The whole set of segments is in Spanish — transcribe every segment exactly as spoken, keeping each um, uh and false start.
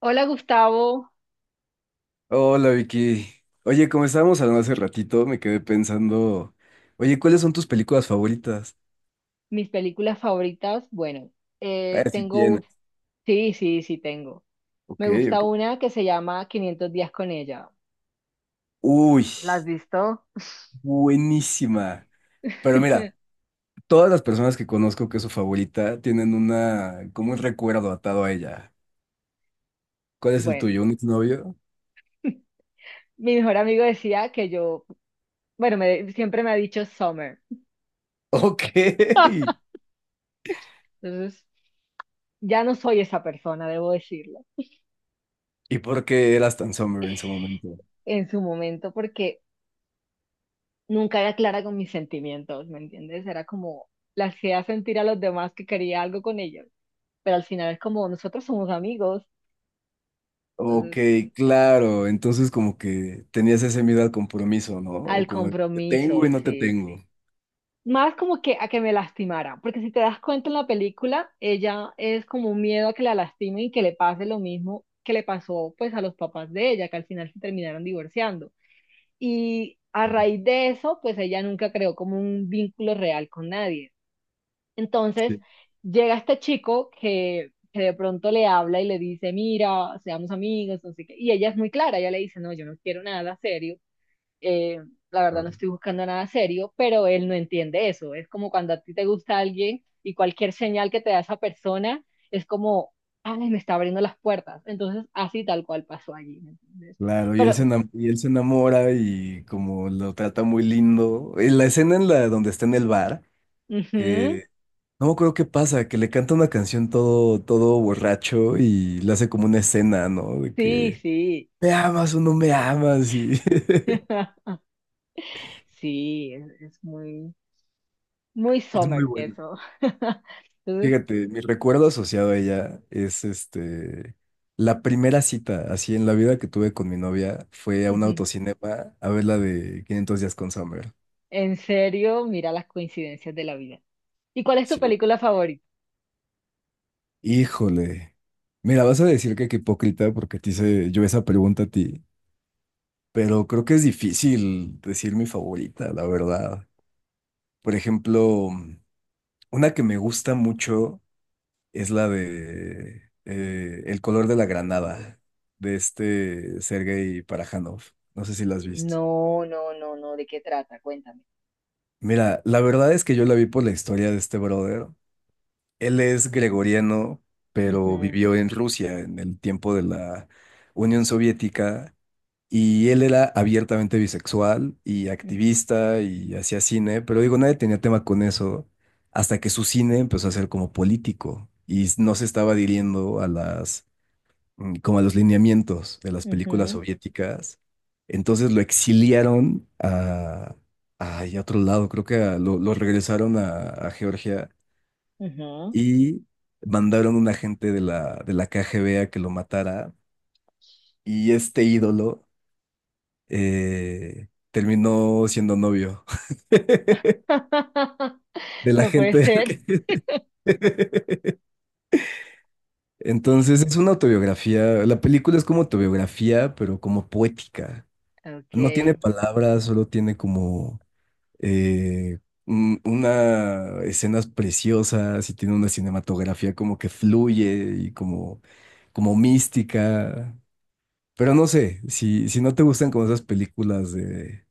Hola Gustavo, Hola Vicky. Oye, como estábamos hablando hace ratito, me quedé pensando, oye, ¿cuáles son tus películas favoritas? mis películas favoritas, bueno, A eh, ver si tengo tienes. un... Sí, sí, sí, tengo. Ok, Me gusta ok. una que se llama Quinientos días con ella. Uy, ¿La has visto? buenísima. Pero mira, todas las personas que conozco que es su favorita tienen una, como un recuerdo atado a ella. ¿Cuál es el Bueno, tuyo? ¿Un exnovio? mi mejor amigo decía que yo, bueno, me- siempre me ha dicho Summer. Ok. Entonces, ya no soy esa persona, debo decirlo, ¿Y por qué eras tan summer en su momento? en su momento, porque nunca era clara con mis sentimientos, ¿me entiendes? Era como la hacía sentir a los demás que quería algo con ellos, pero al final es como nosotros somos amigos, Ok, entonces claro. Entonces como que tenías ese miedo al compromiso, ¿no? O al como, te tengo compromiso, y no te sí. tengo. Más como que a que me lastimara, porque si te das cuenta en la película, ella es como un miedo a que la lastimen y que le pase lo mismo que le pasó pues a los papás de ella, que al final se terminaron divorciando. Y a raíz de eso, pues ella nunca creó como un vínculo real con nadie. Entonces Sí, llega este chico que, que de pronto le habla y le dice, mira, seamos amigos, no sé qué. Y ella es muy clara, ella le dice, no, yo no quiero nada serio, eh, la verdad no claro. estoy buscando nada serio, pero él no entiende eso. Es como cuando a ti te gusta alguien y cualquier señal que te da esa persona es como, ay, me está abriendo las puertas. Entonces, así tal cual pasó allí, ¿me entiendes? Claro, y él se Pero, enam- y él se enamora y como lo trata muy lindo. En la escena en la donde está en el bar, ujú, que no me acuerdo qué pasa, que le canta una canción todo, todo borracho y le hace como una escena, ¿no? De sí, que sí. me amas o no me amas y Sí, es, es muy, muy es muy summer, bueno. eso. Entonces, Fíjate, mi recuerdo asociado a ella es este, la primera cita así en la vida que tuve con mi novia fue a un ujú, autocinema a ver la de Quinientos días con Summer. en serio, mira las coincidencias de la vida. ¿Y cuál es tu Sí. película favorita? Híjole. Mira, vas a decir que qué hipócrita porque te hice yo esa pregunta a ti, pero creo que es difícil decir mi favorita, la verdad. Por ejemplo, una que me gusta mucho es la de eh, El color de la granada, de este Sergei Parajanov. No sé si la has visto. No, no, no, no, ¿de qué trata? Cuéntame. Mira, la verdad es que yo la vi por la historia de este brother. Él es gregoriano, pero Ujú, vivió en Rusia en el tiempo de la Unión Soviética. Y él era abiertamente bisexual y activista y hacía cine, pero digo, nadie tenía tema con eso hasta que su cine empezó a ser como político y no se estaba adhiriendo a las, mm, como a los lineamientos de las u- películas ujú, soviéticas. Entonces lo exiliaron a, ay, a otro lado, creo que a- lo, lo regresaron a, a Georgia ujú. y mandaron un agente de la, de la K G B a que lo matara y este ídolo eh, terminó siendo novio de la No puede gente. ser. que- Entonces es una autobiografía, la película es como autobiografía, pero como poética. No tiene Okay. palabras, solo tiene como eh, un- una escenas preciosas y tiene una cinematografía como que fluye y como, como mística. Pero no sé, si, si no te gustan como esas películas de,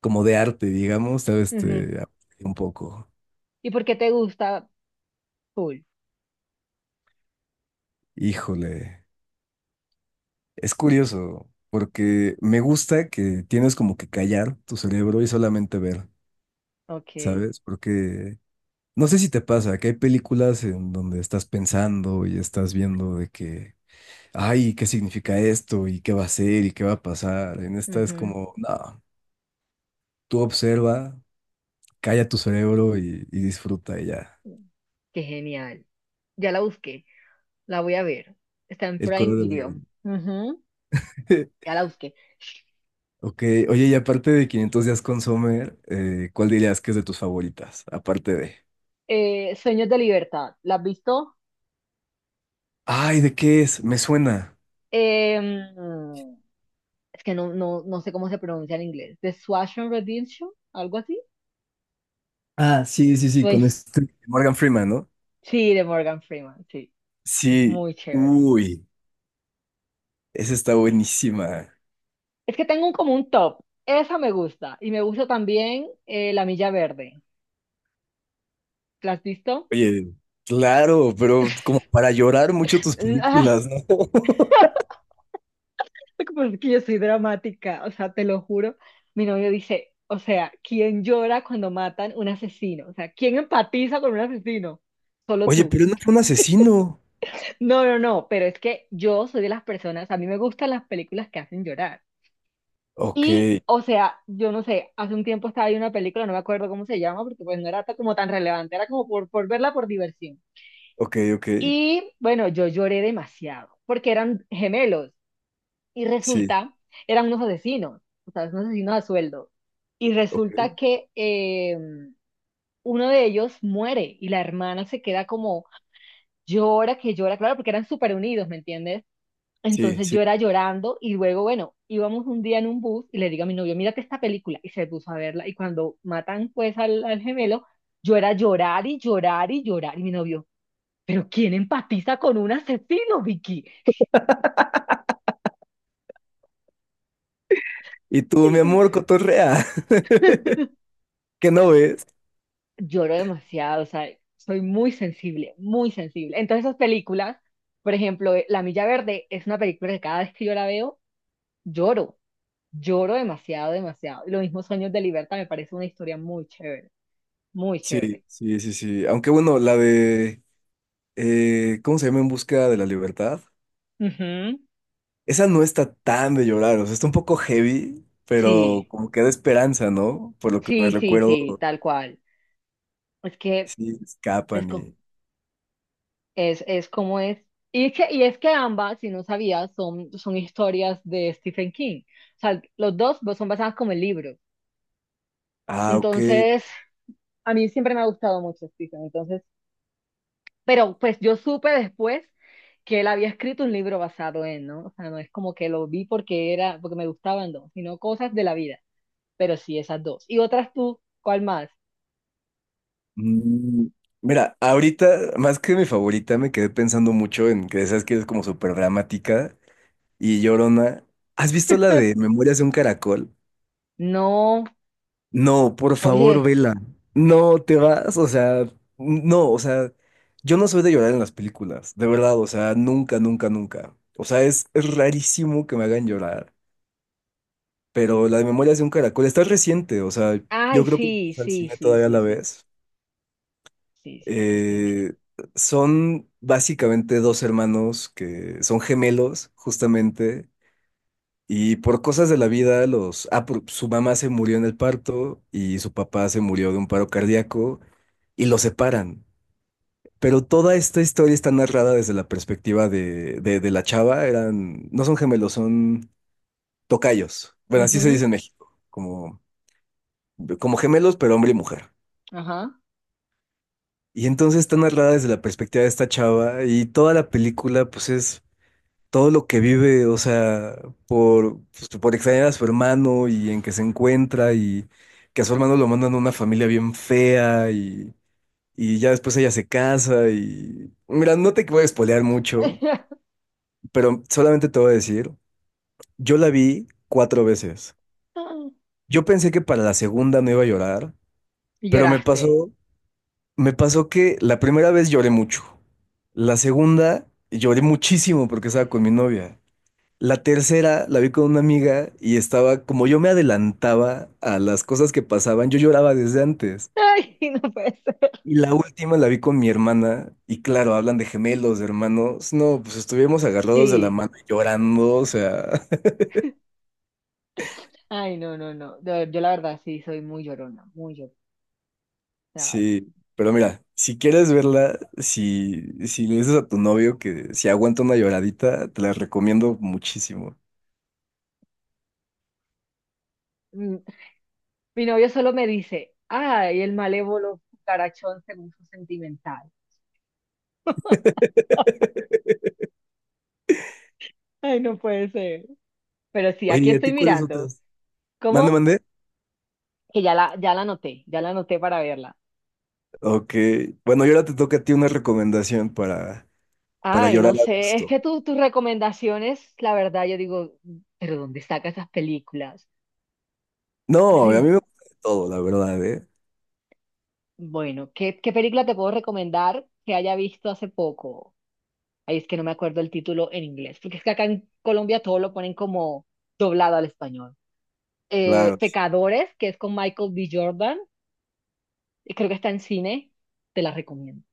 como de arte, digamos, tal vez te Ujú. aburre un poco. ¿Y por qué te gusta Pool? Híjole, es curioso, porque me gusta que tienes como que callar tu cerebro y solamente ver, Okay. ¿sabes? Porque no sé si te pasa que hay películas en donde estás pensando y estás viendo de que, ay, ¿qué significa esto? ¿Y qué va a ser? ¿Y qué va a pasar? En esta es Ujú. como, no, tú observa, calla tu cerebro y, y disfruta y ya. Qué genial. Ya la busqué. La voy a ver. Está en El Prime color de la Video. grande. Ujú, ya la busqué. Ok, oye, y aparte de Quinientos días con Sommer, eh, ¿cuál dirías que es de tus favoritas? Aparte de... Eh, Sueños de Libertad, ¿la has visto? Ay, ¿de qué es? Me suena. Em, es que no, no, no sé cómo se pronuncia en inglés. The Shawshank Redemption, algo así. Ah, sí, sí, sí, Sue- con este. Morgan Freeman, ¿no? sí, de Morgan Freeman, sí. Es Sí. muy chévere. Uy, esa está buenísima. Es que tengo un, como un top. Esa me gusta. Y me gusta también eh, La Milla Verde. ¿La has visto? Oye, claro, pero como para llorar mucho tus Mm, ah, películas, ¿no? porque es que yo soy dramática, o sea, te lo juro. Mi novio dice, o sea, ¿quién llora cuando matan un asesino? O sea, ¿quién empatiza con un asesino? Solo Oye, tú. pero no fue un asesino. No, no, no, pero es que yo soy de las personas, a mí me gustan las películas que hacen llorar. Ok, Y, o sea, yo no sé, hace un tiempo estaba viendo una película, no me acuerdo cómo se llama, porque pues no era ta- como tan relevante, era como por, por verla por diversión. ok, ok. Y bueno, yo lloré demasiado, porque eran gemelos y Sí, resulta, eran unos asesinos, o sea, unos asesinos a sueldo. Y ok, resulta que eh, uno de ellos muere y la hermana se queda como llora, que llora, claro, porque eran súper unidos, ¿me entiendes? sí, Entonces sí. yo era llorando y luego, bueno, íbamos un día en un bus y le digo a mi novio, mírate esta película y se puso a verla y cuando matan pues al, al gemelo, yo era llorar y llorar y llorar y mi novio, pero ¿quién empatiza con un asesino, Vicky? Y tú, mi amor, cotorrea. ¿Qué no ves? Lloro demasiado, o sea, soy muy sensible, muy sensible. Entonces esas películas, por ejemplo, eh, La Milla Verde es una película que cada vez que yo la veo, lloro, lloro demasiado, demasiado. Y lo mismo Sueños de Libertad me parece una historia muy chévere, muy Sí, chévere. sí, sí, sí. Aunque bueno, la de... eh, ¿cómo se llama? En busca de la libertad. Ujú, Esa no está tan de llorar, o sea, está un poco heavy, pero sí, como que da esperanza, ¿no? Por lo que me sí, sí, sí, recuerdo, tal cual. Es que sí, es, escapan co- y... es, es como es. Y es que, y es que ambas, si no sabías, son, son historias de Stephen King. O sea, los dos son basadas como el libro. Ah, ok. Entonces, a mí siempre me ha gustado mucho Stephen. Entonces, pero pues yo supe después que él había escrito un libro basado en, ¿no? O sea, no es como que lo vi porque era, porque me gustaban dos, sino cosas de la vida. Pero sí, esas dos. Y otras tú, ¿cuál más? Mm, Mira, ahorita, más que mi favorita, me quedé pensando mucho en que esas que es como súper dramática y llorona. ¿Has visto la de Memorias de un Caracol? No, No, por favor, oye. vela. No te vas, o sea, no, o sea, yo no soy de llorar en las películas, de verdad, o sea, nunca, nunca, nunca. O sea, es, es rarísimo que me hagan llorar, pero la de Memorias de un Caracol está reciente, o sea, Ay, yo creo que sí, vas al sí, cine sí, todavía sí, la sí. ves. Sí, sí, aquí estoy. Mira. Eh, Son básicamente dos hermanos que son gemelos, justamente, y por cosas de la vida, los... Ah, por- su mamá se murió en el parto y su papá se murió de un paro cardíaco y los separan. Pero toda esta historia está narrada desde la perspectiva de, de, de la chava. Eran, no son gemelos, son tocayos. Bueno, así se Ujú, dice en México, como, como, gemelos, pero hombre y mujer. ajá. Y entonces está narrada desde la perspectiva de esta chava y toda la película, pues es todo lo que vive, o sea, por, pues, por extrañar a su hermano y en que se encuentra y que a su hermano lo mandan a una familia bien fea y, y ya después ella se casa y... Mira, no te voy a spoilear mucho, pero solamente te voy a decir, yo la vi cuatro veces. Yo pensé que para la segunda no iba a llorar, Y pero me lloraste. pasó, me pasó que la primera vez lloré mucho. La segunda lloré muchísimo porque estaba con mi novia. La tercera la vi con una amiga y estaba, como yo me adelantaba a las cosas que pasaban, yo lloraba desde antes. Ay, no puede ser. Y la última la vi con mi hermana y claro, hablan de gemelos, de hermanos. No, pues estuvimos agarrados de la Sí. mano y llorando, o sea, Ay, no, no, no. De- yo la verdad sí soy muy llorona, muy llorona. O sea, sí. Pero mira, si quieres verla, si, si le dices a tu novio que si aguanta una lloradita, te la recomiendo muchísimo. mm, mi novio solo me dice, ay, el malévolo carachón se puso sentimental. Ay, no puede ser. Pero sí, Oye, aquí ¿y a estoy ti cuáles mirando. otras? Mande, ¿Cómo? mande. Que ya la, ya la anoté, ya la anoté para verla. Ok. Bueno, y ahora te toca a ti una recomendación para, para Ay, no llorar a sé, es que gusto. tú- tus recomendaciones, la verdad, yo digo, ¿pero dónde saca esas películas? Yo No, a sí, mí me gusta de todo, la verdad, ¿eh? bueno, ¿qué, qué película te puedo recomendar que haya visto hace poco. Ahí es que no me acuerdo el título en inglés, porque es que acá en Colombia todo lo ponen como doblado al español. Eh, Claro. Pecadores, que es con Michael B. Jordan, y creo que está en cine, te la recomiendo.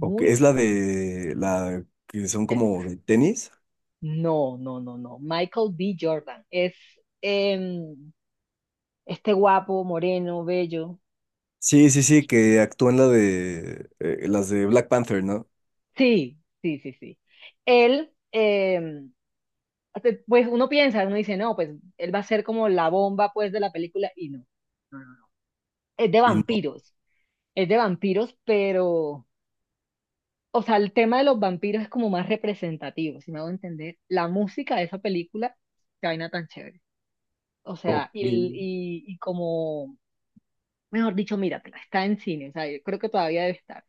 O que es la buena. de la que son Eh, como de tenis. No, no, no, no. Michael B. Jordan es em, este guapo, moreno, bello. Sí, sí, sí, que actúan la de eh, las de Black Panther, ¿no? Sí, sí, sí, sí. Él, em, hace- pues uno piensa, uno dice, no, pues él va a ser como la bomba, pues, de la película, y no. No, no, no. Es de Y no. vampiros, es de vampiros, pero, o sea, el tema de los vampiros es como más representativo, si me hago entender. La música de esa película, qué vaina tan chévere. O Ok, sea, y, sí. y, y como, mejor dicho, míratela, está en cine, o sea, yo creo que todavía debe estar.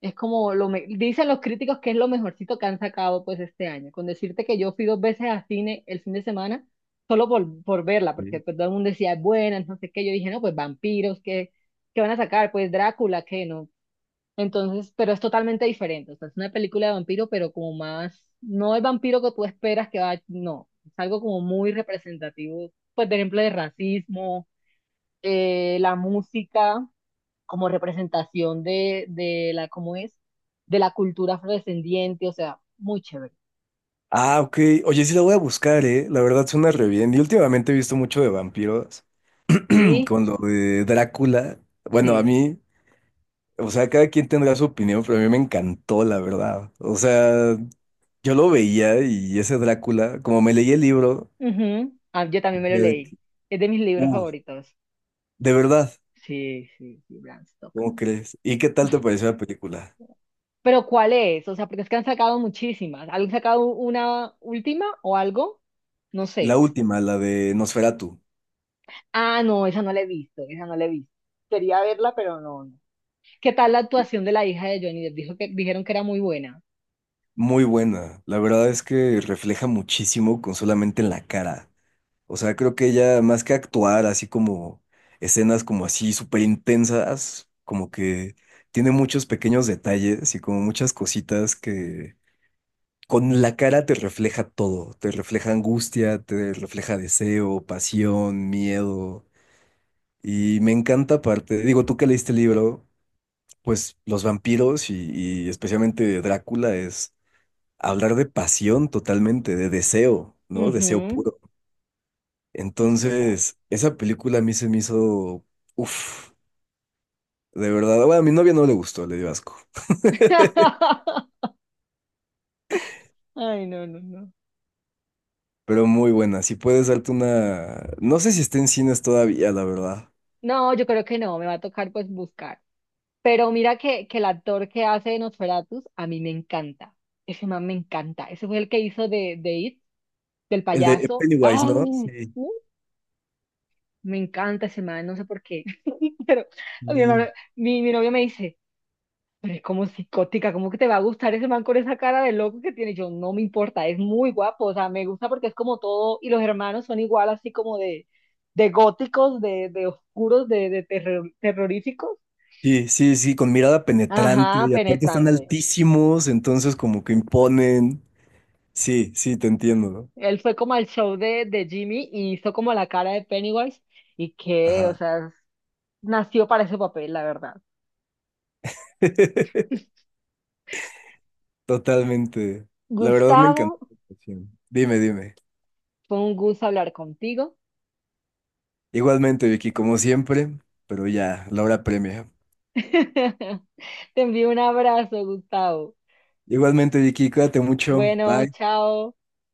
Es como lo me- dicen los críticos que es lo mejorcito que han sacado pues este año. Con decirte que yo fui dos veces al cine el fin de semana solo por, por verla, porque pues, todo el mundo decía es buena, no sé qué. Yo dije, no, pues vampiros, ¿qué, ¿qué van a sacar? Pues Drácula, ¿qué no? Entonces, pero es totalmente diferente. O sea, es una película de vampiro, pero como más, no el vampiro que tú esperas que va, no. Es algo como muy representativo, pues, por ejemplo, de racismo, eh, la música como representación de, de la, ¿cómo es? De la cultura afrodescendiente, o sea, muy chévere. Ah, ok. Oye, sí la voy a buscar, ¿eh? La verdad suena re bien. Y últimamente he visto mucho de vampiros Sí, con lo de Drácula. Bueno, a sí. mí, o sea, cada quien tendrá su opinión, pero a mí me encantó, la verdad. O sea, yo lo veía y ese Drácula, como me leí el libro, Ujú. Ah, yo también me lo leí. Es de mis libros uy, favoritos. de verdad, Sí, sí, sí, Bram Stoker. ¿cómo crees? ¿Y qué tal te pareció la película? Pero ¿cuál es? O sea, porque es que han sacado muchísimas. ¿Han sacado una última o algo? No La sé. última, la de Nosferatu, Ah, no, esa no la he visto, esa no la he visto. Quería verla, pero no, no. ¿Qué tal la actuación de la hija de Johnny Depp? Dijo que, dijeron que era muy buena. muy buena. La verdad es que refleja muchísimo con solamente en la cara. O sea, creo que ella, más que actuar así como escenas como así súper intensas, como que tiene muchos pequeños detalles y como muchas cositas que con la cara te refleja todo. Te refleja angustia, te refleja deseo, pasión, miedo. Y me encanta aparte, digo, tú que leíste el libro, pues los vampiros y, y especialmente Drácula es hablar de pasión totalmente, de deseo, ¿no? Deseo Ujú. puro. Sí, total. Entonces, esa película a mí se me hizo, uff, de verdad. Bueno, a mi novia no le gustó, le dio asco, Ay, no, no, no. pero muy buena. Si puedes darte una, no sé si está en cines todavía, la verdad. No, yo creo que no, me va a tocar pues buscar. Pero mira que, que el actor que hace de Nosferatus a mí me encanta. Ese man me encanta. Ese fue el que hizo de, de It, del El de payaso. Pennywise, ¿no? ¡Ay! Sí. Me encanta ese man, no sé por qué. Pero mi, mamá- Sí. mi, mi novio me dice. Pero es como psicótica, ¿cómo que te va a gustar ese man con esa cara de loco que tiene? Yo no me importa, es muy guapo, o sea, me gusta porque es como todo, y los hermanos son igual así como de, de góticos, de, de oscuros, de, de terror- terroríficos. Sí, sí, sí, con mirada penetrante Ajá, y aparte están penetrante. altísimos, entonces como que imponen. Sí, sí, te entiendo, ¿no? Él fue como al show de, de Jimmy y hizo como la cara de Pennywise y que, o Ajá. sea, es- nació para ese papel, la verdad. Totalmente. La verdad me Gustavo, encantó tu canción. Dime, dime. fue un gusto hablar contigo. Igualmente, Vicky, como siempre, pero ya, la hora premia. Te envío un abrazo, Gustavo. Igualmente, Vicky, cuídate mucho. Bueno, Bye. chao.